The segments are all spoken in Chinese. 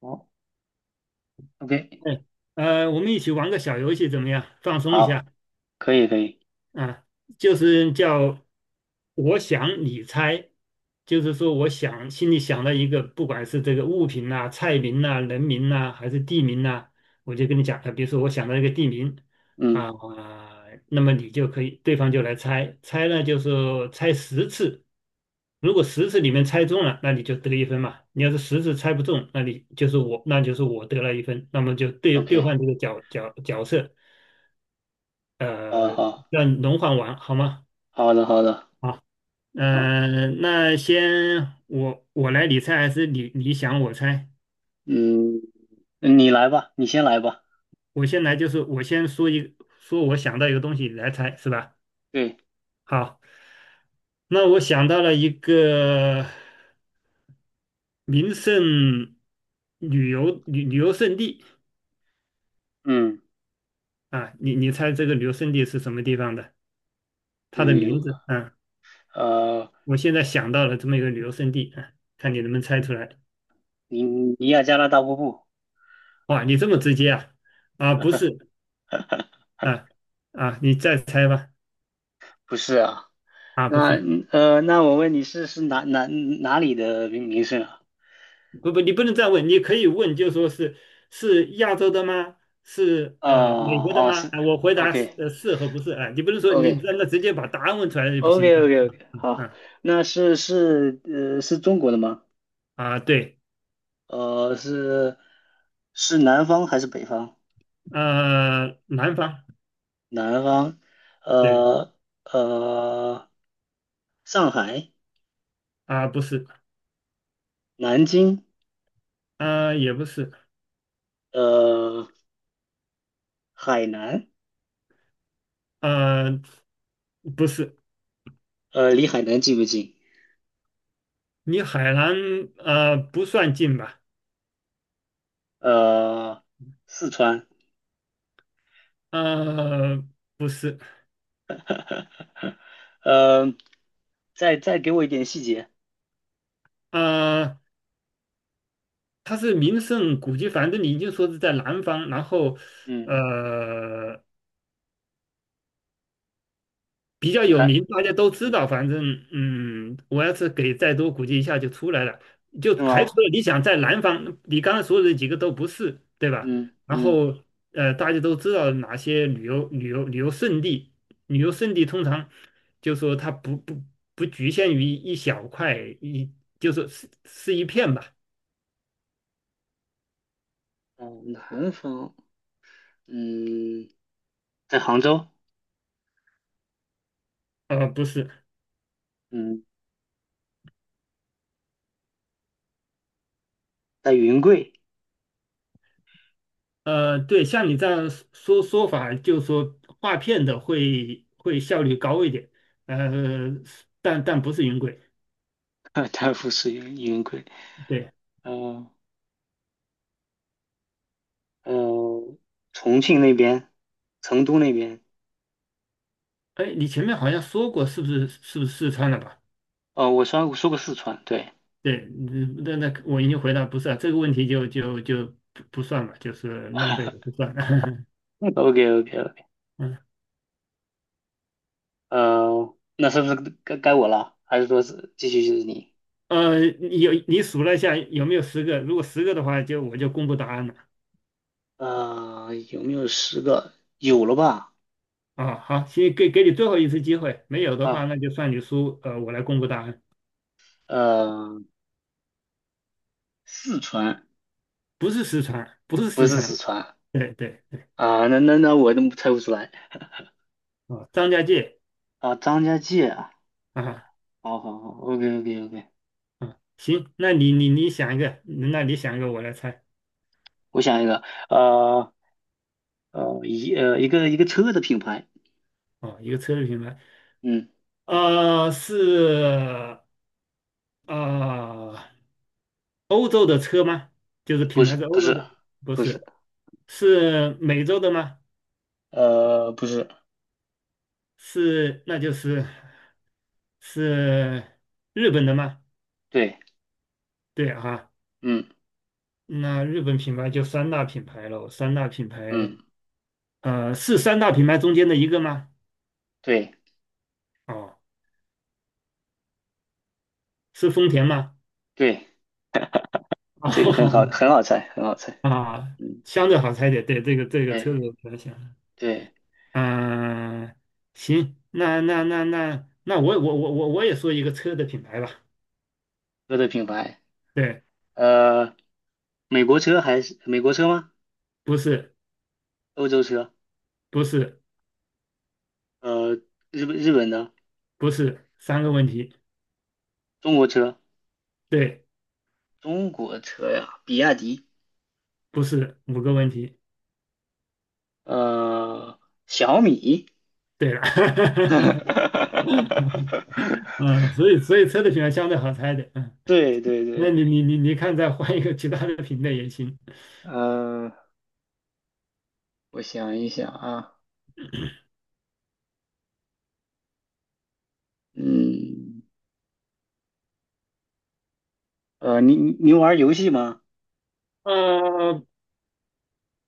哦，OK，哎，我们一起玩个小游戏怎么样？放松一下。好，可以可以，啊，就是叫我想你猜，就是说我想心里想到一个，不管是这个物品呐、菜名呐、人名呐、还是地名呐、我就跟你讲啊，比如说我想到一个地名嗯啊，那么你就可以，对方就来猜，猜呢就是猜十次，如果十次里面猜中了，那你就得一分嘛。你要是十次猜不中，那你就是我，那就是我得了一分，那么就兑兑，OK，换这个角色，好好让你轮换完好吗？好的好的，啊。好，那先我来理猜还是你想我猜？嗯，你来吧，你先来吧，我先来就是我先说一说我想到一个东西你来猜是吧？对，好，那我想到了一个名胜旅游胜地嗯，啊，你猜这个旅游胜地是什么地方的？它的对，名有，字啊，呃，我现在想到了这么一个旅游胜地啊，看你能不能猜出来。尼亚加拉大瀑布，哇，你这么直接啊？啊，不是 啊啊，你再猜吧。不是啊，啊，不那是。那我问你是是哪里的名胜啊？不不，你不能再问，你可以问，就说是是亚洲的吗？是哦美国的哦吗？是啊，我回答是，OK 是和不是啊，你不能说你 OK 让他直接把答案问出来就不行。OK OK 嗯 OK，嗯好，嗯那是中国的吗？啊，对，呃是是南方还是北方？南方，南方，对呃呃，上海、啊，不是，南京，也不是，呃，海南，呃，不是，呃，离海南近不近？你海南不算近吧？呃，四川，呃，不是，呃，再给我一点细节。呃，它是名胜古迹，反正你就说是在南方，然后嗯，呃比较你有还，名，大家都知嗯，道。反正嗯，我要是给再多估计一下就出来了，就对排吗？除了你想在南方，你刚刚说的几个都不是，对吧？嗯然嗯，后大家都知道哪些旅游胜地，旅游胜地通常就说它不局限于一小块一，就是是是一片吧？哦，南方，嗯，在杭州，不是。嗯，在云贵，对，像你这样说法，就是说画片的会效率高一点，呃，但但不是云轨。太富是云贵，对，嗯、呃、嗯、重庆那边，成都那边。哎，你前面好像说过，是不是四川的吧？哦，我说过四川，对 对，嗯那那我已经回答不是啊，这个问题就不算了，就是浪费的不 算。，OK OK OK，嗯，那是不是该我了？还是说是继续就是你？你有你数了一下有没有十个？如果十个的话，就我就公布答案了。呃，有没有十个？有了吧？啊，好，行，给你最后一次机会，没有的话，啊，那就算你输，我来公布答案。呃，四川不是四川，不是不四是四川，川对对对啊，那我怎么猜不出来哦，张家界啊，张家界啊，啊好好好，OK OK OK，啊，行，那你想一个，那你想一个，我来猜，我想一个，呃一个车的品牌，哦，一个车的品牌，嗯，是呃欧洲的车吗？就是不品是牌是不欧洲是的，不不是，是，是美洲的吗？呃不是，是，那就是是日本的吗？对，对啊，嗯那日本品牌就三大品牌喽，三大品牌，嗯是三大品牌中间的一个吗？对哦。是丰田吗？对。这个很好，哦很好猜，很好猜。啊，嗯，相对好猜一点，对，这个车子哎，我比较然对，嗯、行，那那我也说一个车的品牌吧，车的品牌，对，呃，美国车吗？不是欧洲车？不是呃，日本的？不是三个问题，中国车？对，中国车呀，比亚迪，不是五个问题，呃，小米。对了，嗯，所以车的品牌相对好猜的。嗯，对对那对，你看再换一个其他的品类也行，呃，我想一想啊，嗯，呃，你你你玩游戏吗？呃，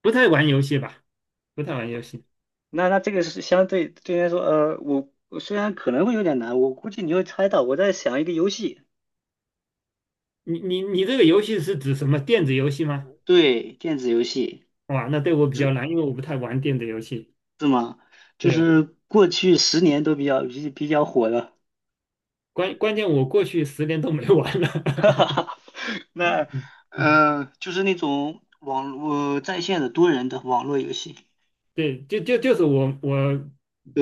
不太玩游戏吧，不太玩游戏。那那这个是相对对你来说，呃，我虽然可能会有点难，我估计你会猜到。我在想一个游戏，你这个游戏是指什么电子游戏吗？对，电子游戏哇，那对我比较难，因为我不太玩电子游戏。是吗？就对，是过去十年都比较火的。关键我过去10年都没玩了。那嗯，嗯呃，就是那种网络在线的多人的网络游戏，对，就是我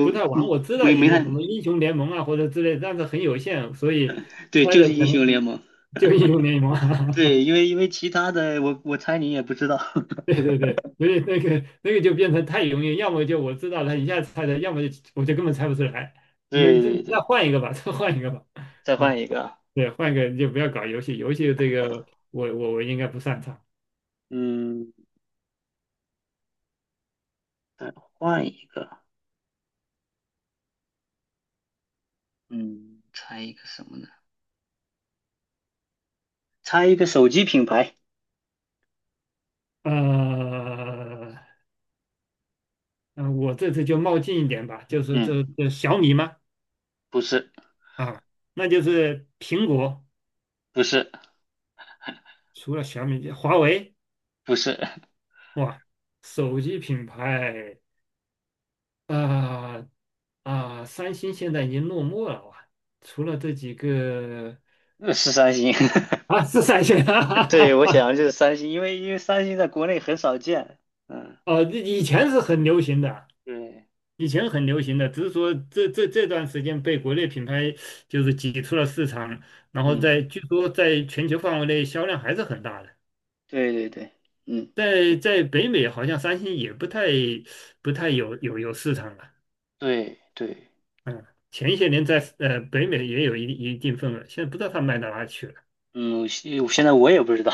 不太玩，嗯我知道没一没点太什么英雄联盟啊或者之类，但是很有限，所以对，猜就的是可英雄能联盟。就英雄联盟啊。对，因为其他的我猜你也不知道。对对对，所以那个就变成太容易，要么就我知道了一下猜的，要么就我就根本猜不出来。没，对这对再对，换一个吧，再换一个吧。再换嗯一个，对，换一个你就不要搞游戏，游戏这个我应该不擅长。嗯，再换一个，嗯，猜一个什么呢？猜一个手机品牌。呃，嗯，我这次就冒进一点吧，就是嗯，这小米嘛，不是，啊，那就是苹果，不是，除了小米，华为，不是，哇，手机品牌，啊啊，三星现在已经落寞了哇，除了这几个 三星。啊，是三星，对，啊，我想就是三星，因为三星在国内很少见。嗯，哦，以前是很流行的，对，以前很流行的，只是说这段时间被国内品牌就是挤出了市场，然后嗯，在据说在全球范围内销量还是很大的，对对对，嗯在北美好像三星也不太不太有市场了，对对嗯，前些年在北美也有一定份额，现在不知道它卖到哪去了。嗯，我现在我也不知道，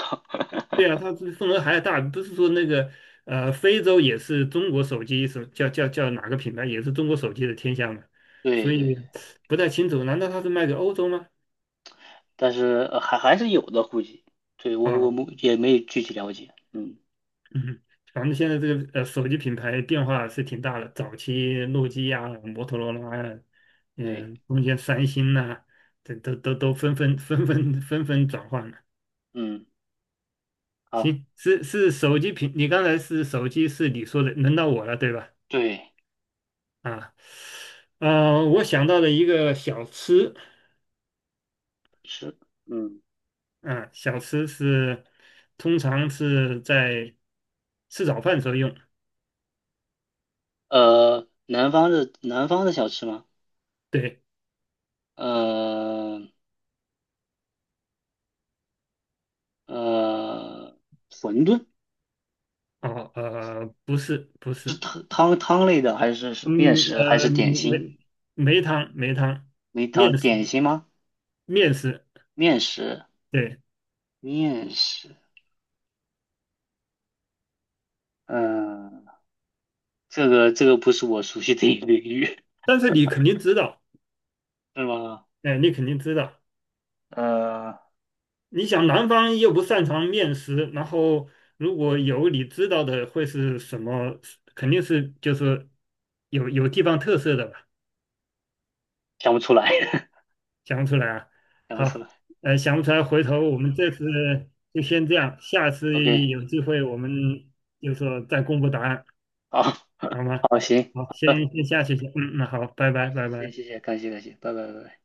对啊，它这份额还大，不是说那个非洲也是中国手机什么叫哪个品牌也是中国手机的天下嘛，所对以对对，不太清楚，难道它是卖给欧洲吗？但是还还是有的，估计。对，我我们啊。也没有具体了解。嗯 嗯，咱们现在这个手机品牌变化是挺大的，早期诺基亚、摩托罗拉呀，对嗯，中间三星呐、这都纷纷转换了。嗯，好，行，是手机品，你刚才是手机是你说的，轮到我了对吧？对，啊，我想到了一个小吃，是，嗯，啊，小吃是通常是在吃早饭时候用，呃，南方的小吃吗？对，嗯。呃，馄饨哦，不是不是是，汤类的，还是面嗯食，还是呃点心？梅梅汤没汤面食点心吗？面食，面食，对，面食。嗯、这个不是我熟悉的一个领域，但是你肯定知道，是吗？哎，你肯定知道。呃 你想南方又不擅长面食，然后如果有你知道的会是什么？肯定是就是有地方特色的吧？想不出来，想不出来啊？想不出好，来。想不出来，回头我们这次就先这样，下次 OK，有机会我们就说再公布答案，好，好吗？好，行，好，好先的，先下去先，嗯，那好，拜好，拜，拜谢谢，拜。谢谢，感谢，感谢，拜拜，拜拜。